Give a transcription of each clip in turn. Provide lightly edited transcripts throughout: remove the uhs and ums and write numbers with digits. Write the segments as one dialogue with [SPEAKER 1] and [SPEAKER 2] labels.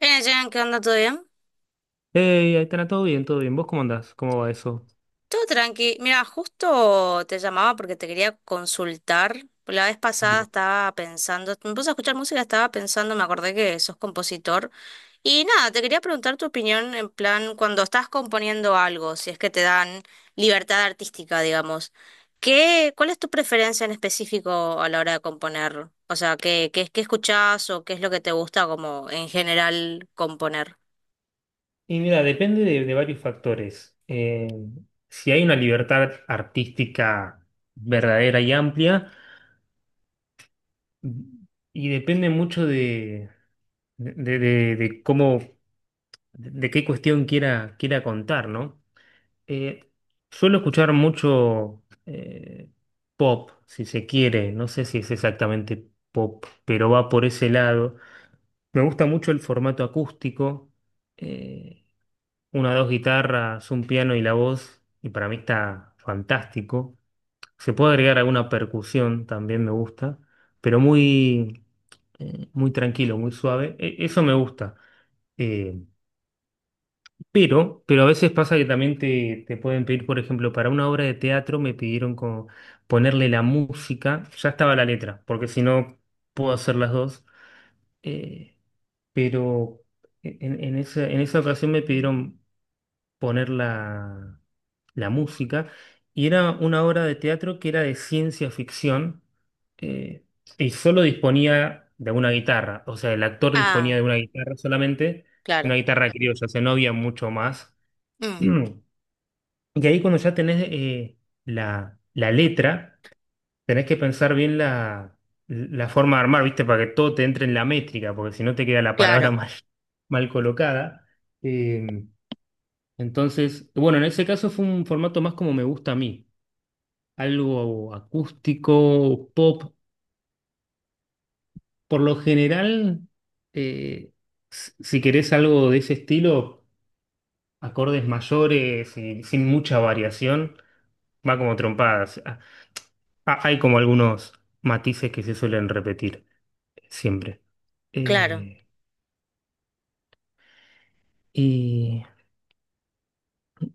[SPEAKER 1] Bien, Jen, ¿qué onda? ¿Todo bien?
[SPEAKER 2] Hey, ahí está todo bien, todo bien. ¿Vos cómo andás? ¿Cómo va eso?
[SPEAKER 1] Todo tranqui. Mira, justo te llamaba porque te quería consultar. La vez pasada
[SPEAKER 2] Mira,
[SPEAKER 1] estaba pensando, me puse a escuchar música, estaba pensando, me acordé que sos compositor. Y nada, te quería preguntar tu opinión en plan, cuando estás componiendo algo, si es que te dan libertad artística, digamos. ¿Qué, cuál es tu preferencia en específico a la hora de componer? O sea, ¿qué, qué, qué escuchás o qué es lo que te gusta como en general componer?
[SPEAKER 2] Mira, depende de varios factores. Si hay una libertad artística verdadera y amplia, y depende mucho de cómo, de qué cuestión quiera contar, ¿no? Eh, suelo escuchar mucho pop, si se quiere. No sé si es exactamente pop, pero va por ese lado. Me gusta mucho el formato acústico. eh, una o dos guitarras, un piano y la voz, y para mí está fantástico. Se puede agregar alguna percusión, también me gusta, pero muy tranquilo, muy suave. Eso me gusta. Eh, pero a veces pasa que también te pueden pedir, por ejemplo, para una obra de teatro me pidieron como ponerle la música, ya estaba la letra, porque si no puedo hacer las dos. Eh, pero en esa ocasión me pidieron poner la música, y era una obra de teatro que era de ciencia ficción, eh, y solo disponía de una guitarra, o sea, el actor disponía
[SPEAKER 1] Ah,
[SPEAKER 2] de una guitarra solamente, una
[SPEAKER 1] claro.
[SPEAKER 2] guitarra criolla, o sea, no había mucho más.
[SPEAKER 1] Mm,
[SPEAKER 2] Y ahí cuando ya tenés la letra, tenés que pensar bien la forma de armar, ¿viste? Para que todo te entre en la métrica, porque si no te queda la palabra
[SPEAKER 1] claro.
[SPEAKER 2] mal, mal colocada. Eh, entonces, bueno, en ese caso fue un formato más como me gusta a mí, algo acústico, pop. Por lo general, eh, si querés algo de ese estilo, acordes mayores y sin mucha variación, va como trompadas. Hay como algunos matices que se suelen repetir siempre.
[SPEAKER 1] Claro.
[SPEAKER 2] Eh, y,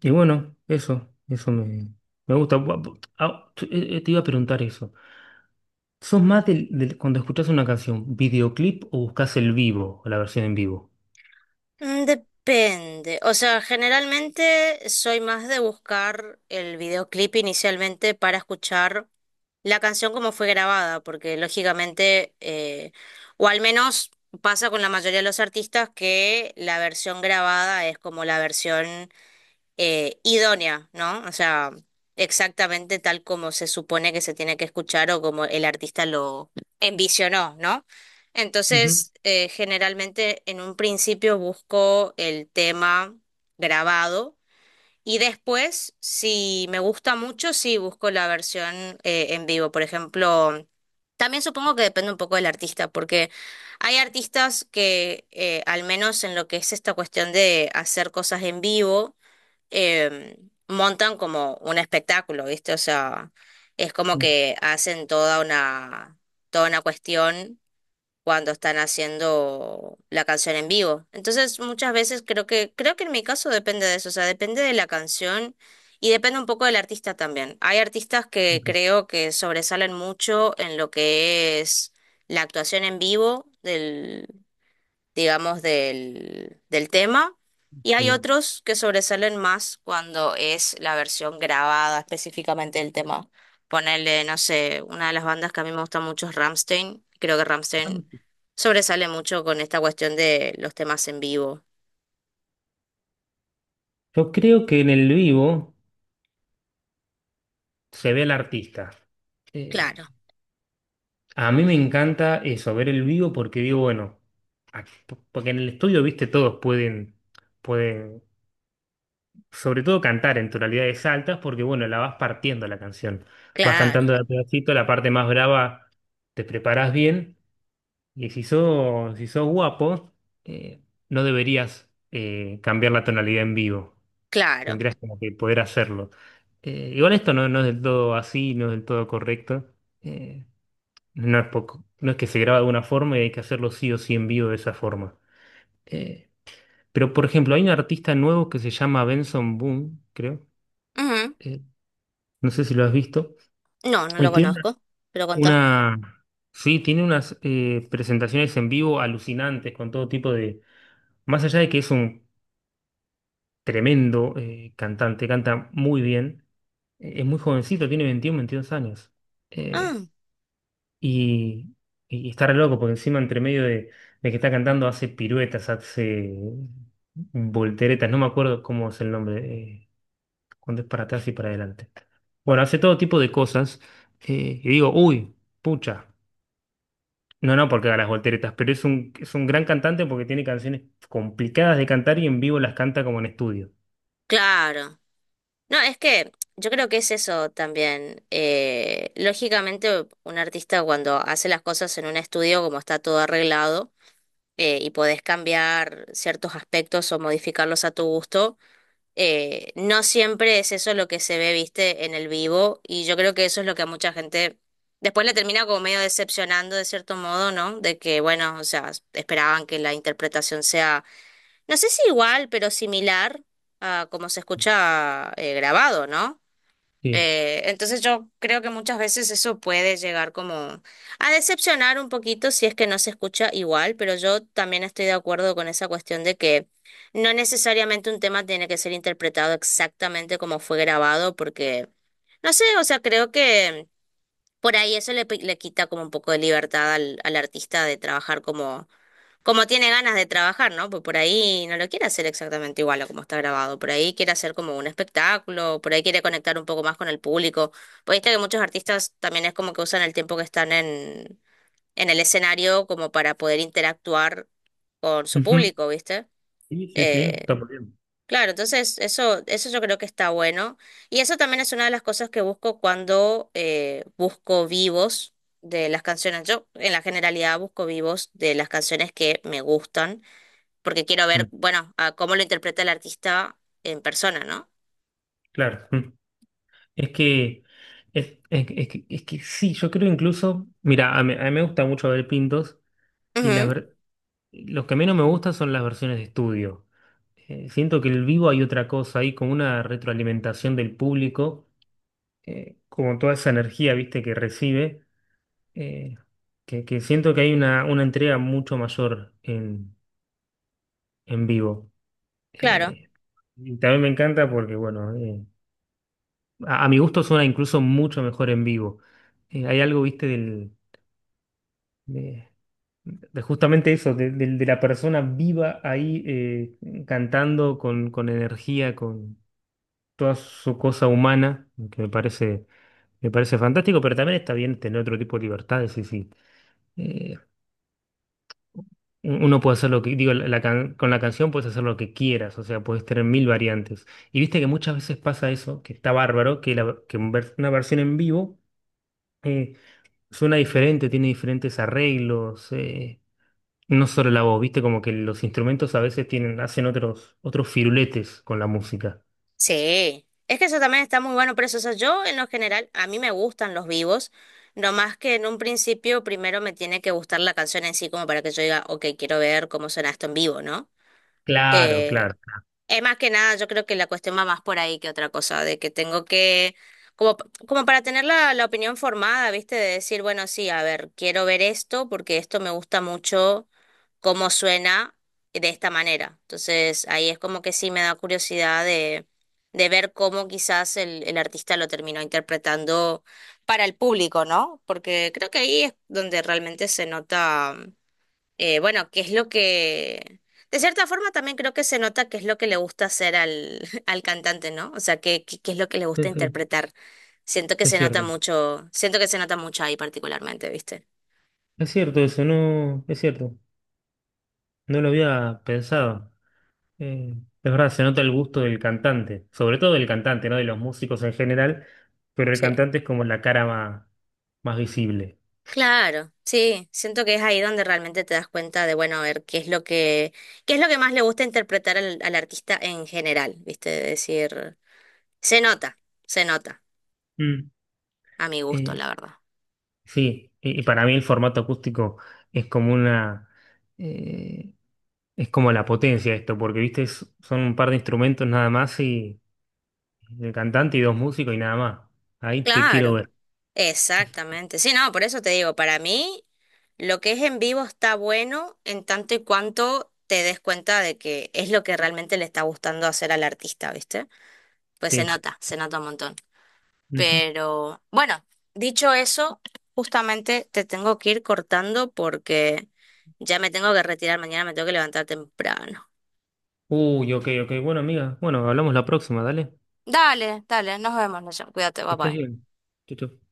[SPEAKER 2] y bueno, eso me gusta. Te iba a preguntar eso. ¿Sos más del, cuando escuchás una canción, videoclip, o buscás el vivo, o la versión en vivo?
[SPEAKER 1] Mm, depende. O sea, generalmente soy más de buscar el videoclip inicialmente para escuchar la canción como fue grabada, porque lógicamente, o al menos pasa con la mayoría de los artistas que la versión grabada es como la versión idónea, ¿no? O sea, exactamente tal como se supone que se tiene que escuchar o como el artista lo envisionó, ¿no?
[SPEAKER 2] Ujú,
[SPEAKER 1] Entonces, generalmente en un principio busco el tema grabado y después, si me gusta mucho, sí busco la versión en vivo. Por ejemplo, también supongo que depende un poco del artista, porque hay artistas que, al menos en lo que es esta cuestión de hacer cosas en vivo, eh, montan como un espectáculo, ¿viste? O sea, es como
[SPEAKER 2] mm,
[SPEAKER 1] que hacen toda una cuestión cuando están haciendo la canción en vivo. Entonces, muchas veces creo que en mi caso depende de eso, o sea, depende de la canción y depende un poco del artista también. Hay artistas que
[SPEAKER 2] ok,
[SPEAKER 1] creo que sobresalen mucho en lo que es la actuación en vivo del, digamos, del, del tema. Y hay
[SPEAKER 2] bien.
[SPEAKER 1] otros que sobresalen más cuando es la versión grabada específicamente del tema. Ponerle, no sé, una de las bandas que a mí me gusta mucho es Rammstein. Creo que
[SPEAKER 2] Ah,
[SPEAKER 1] Rammstein
[SPEAKER 2] ok.
[SPEAKER 1] sobresale mucho con esta cuestión de los temas en vivo.
[SPEAKER 2] Yo creo que en el vivo se ve al artista.
[SPEAKER 1] Claro,
[SPEAKER 2] Eh, a mí me encanta eso, ver el vivo, porque digo, bueno, porque en el estudio, viste, todos pueden, sobre todo cantar en tonalidades altas, porque bueno, la vas partiendo la canción. Vas
[SPEAKER 1] claro,
[SPEAKER 2] cantando de a pedacito, la parte más brava te preparás bien, y si sos guapo, eh, no deberías cambiar la tonalidad en vivo.
[SPEAKER 1] claro.
[SPEAKER 2] Tendrías como que poder hacerlo. Igual esto no es del todo así, no es del todo correcto. Eh, no es poco, no es que se graba de una forma y hay que hacerlo sí o sí en vivo de esa forma. Eh, pero, por ejemplo, hay un artista nuevo que se llama Benson Boone, creo.
[SPEAKER 1] Ujú.
[SPEAKER 2] eh, No sé si lo has visto.
[SPEAKER 1] No, no
[SPEAKER 2] Y
[SPEAKER 1] lo
[SPEAKER 2] tiene
[SPEAKER 1] conozco, pero contá.
[SPEAKER 2] una, sí, tiene unas presentaciones en vivo alucinantes con todo tipo de... Más allá de que es un tremendo cantante, canta muy bien, es muy jovencito, tiene 21, 22 años. Eh,
[SPEAKER 1] Ah,
[SPEAKER 2] y, y está re loco, porque encima entre medio de que está cantando hace piruetas, hace volteretas, no me acuerdo cómo es el nombre, eh, cuando es para atrás y para adelante. Bueno, hace todo tipo de cosas. Y digo, uy, pucha. No, no, porque da las volteretas, pero es un gran cantante porque tiene canciones complicadas de cantar y en vivo las canta como en estudio.
[SPEAKER 1] claro. No, es que yo creo que es eso también. Lógicamente, un artista cuando hace las cosas en un estudio, como está todo arreglado, y podés cambiar ciertos aspectos o modificarlos a tu gusto, no siempre es eso lo que se ve, viste, en el vivo, y yo creo que eso es lo que a mucha gente después le termina como medio decepcionando de cierto modo, ¿no? De que, bueno, o sea, esperaban que la interpretación sea, no sé si igual, pero similar a como se escucha grabado, ¿no?
[SPEAKER 2] Sí.
[SPEAKER 1] Entonces yo creo que muchas veces eso puede llegar como a decepcionar un poquito si es que no se escucha igual, pero yo también estoy de acuerdo con esa cuestión de que no necesariamente un tema tiene que ser interpretado exactamente como fue grabado, porque, no sé, o sea, creo que por ahí eso le, le quita como un poco de libertad al, al artista de trabajar como como tiene ganas de trabajar, ¿no? Pues por ahí no lo quiere hacer exactamente igual a como está grabado. Por ahí quiere hacer como un espectáculo, por ahí quiere conectar un poco más con el público. Pues viste que muchos artistas también es como que usan el tiempo que están en el escenario como para poder interactuar con su
[SPEAKER 2] Ujú.
[SPEAKER 1] público, ¿viste?
[SPEAKER 2] Sí, sí, sí, está
[SPEAKER 1] Eh,
[SPEAKER 2] muy bien.
[SPEAKER 1] claro, entonces eso yo creo que está bueno. Y eso también es una de las cosas que busco cuando busco vivos de las canciones. Yo en la generalidad busco vivos de las canciones que me gustan porque quiero
[SPEAKER 2] Ujú.
[SPEAKER 1] ver, bueno, a cómo lo interpreta el artista en persona, ¿no?
[SPEAKER 2] Claro. Ujú. Es que, es que sí, yo creo incluso, mira, a mí me gusta mucho ver Pintos, y la
[SPEAKER 1] Ujú,
[SPEAKER 2] ver- los que menos me gustan son las versiones de estudio. Siento que en el vivo hay otra cosa, hay como una retroalimentación del público, como toda esa energía, viste, que recibe, eh, que siento que hay una entrega mucho mayor en vivo.
[SPEAKER 1] claro,
[SPEAKER 2] Eh, y también me encanta porque, bueno, a mi gusto suena incluso mucho mejor en vivo. Hay algo, viste, de, de justamente eso, de la persona viva ahí cantando con energía, con toda su cosa humana, me parece fantástico, pero también está bien tener otro tipo de libertades, sí, sí. Eh, Uno puede hacer lo que, digo, con la canción puedes hacer lo que quieras, o sea, puedes tener mil variantes. Y viste que muchas veces pasa eso, que está bárbaro, que una versión en vivo eh, suena diferente, tiene diferentes arreglos, no solo la voz, viste, como que los instrumentos a veces hacen otros firuletes con la música.
[SPEAKER 1] sí. Es que eso también está muy bueno, pero eso, o sea, yo en lo general, a mí me gustan los vivos, no más que en un principio primero me tiene que gustar la canción en sí, como para que yo diga, ok, quiero ver cómo suena esto en vivo, ¿no?
[SPEAKER 2] Claro,
[SPEAKER 1] Eh,
[SPEAKER 2] claro.
[SPEAKER 1] es más que nada, yo creo que la cuestión va más por ahí que otra cosa, de que tengo que, como, como para tener la, la opinión formada, ¿viste? De decir, bueno, sí, a ver, quiero ver esto porque esto me gusta mucho cómo suena de esta manera. Entonces ahí es como que sí me da curiosidad de ver cómo quizás el artista lo terminó interpretando para el público, ¿no? Porque creo que ahí es donde realmente se nota, bueno, qué es lo que... De cierta forma también creo que se nota qué es lo que le gusta hacer al, al cantante, ¿no? O sea, qué, qué, qué es lo que le gusta
[SPEAKER 2] Sí, sí,
[SPEAKER 1] interpretar. Siento que
[SPEAKER 2] es
[SPEAKER 1] se nota
[SPEAKER 2] cierto.
[SPEAKER 1] mucho, siento que se nota mucho ahí particularmente, ¿viste?
[SPEAKER 2] Es cierto eso, no, es cierto. No lo había pensado. Eh, es verdad, se nota el gusto del cantante, sobre todo del cantante, no de los músicos en general, pero el
[SPEAKER 1] Sí.
[SPEAKER 2] cantante es como la cara más, más visible.
[SPEAKER 1] Claro, sí, siento que es ahí donde realmente te das cuenta de, bueno, a ver qué es lo que, qué es lo que más le gusta interpretar al, al artista en general, ¿viste? De decir, se nota, se nota,
[SPEAKER 2] Mm.
[SPEAKER 1] a mi gusto,
[SPEAKER 2] Eh,
[SPEAKER 1] la verdad.
[SPEAKER 2] sí, y para mí el formato acústico es como una, eh, es como la potencia de esto, porque viste, son un par de instrumentos nada más y el cantante y dos músicos y nada más. Ahí te quiero
[SPEAKER 1] Claro,
[SPEAKER 2] ver.
[SPEAKER 1] exactamente. Sí, no, por eso te digo, para mí lo que es en vivo está bueno en tanto y cuanto te des cuenta de que es lo que realmente le está gustando hacer al artista, ¿viste? Pues
[SPEAKER 2] Sí.
[SPEAKER 1] se nota un montón.
[SPEAKER 2] Ujú.
[SPEAKER 1] Pero bueno, dicho eso, justamente te tengo que ir cortando porque ya me tengo que retirar mañana, me tengo que levantar temprano.
[SPEAKER 2] Uy, ok, ok. Bueno, amiga, bueno, hablamos la próxima, dale.
[SPEAKER 1] Dale, dale, nos vemos, Nación. Cuídate,
[SPEAKER 2] Que
[SPEAKER 1] bye
[SPEAKER 2] estés
[SPEAKER 1] bye.
[SPEAKER 2] bien. Chau, chau.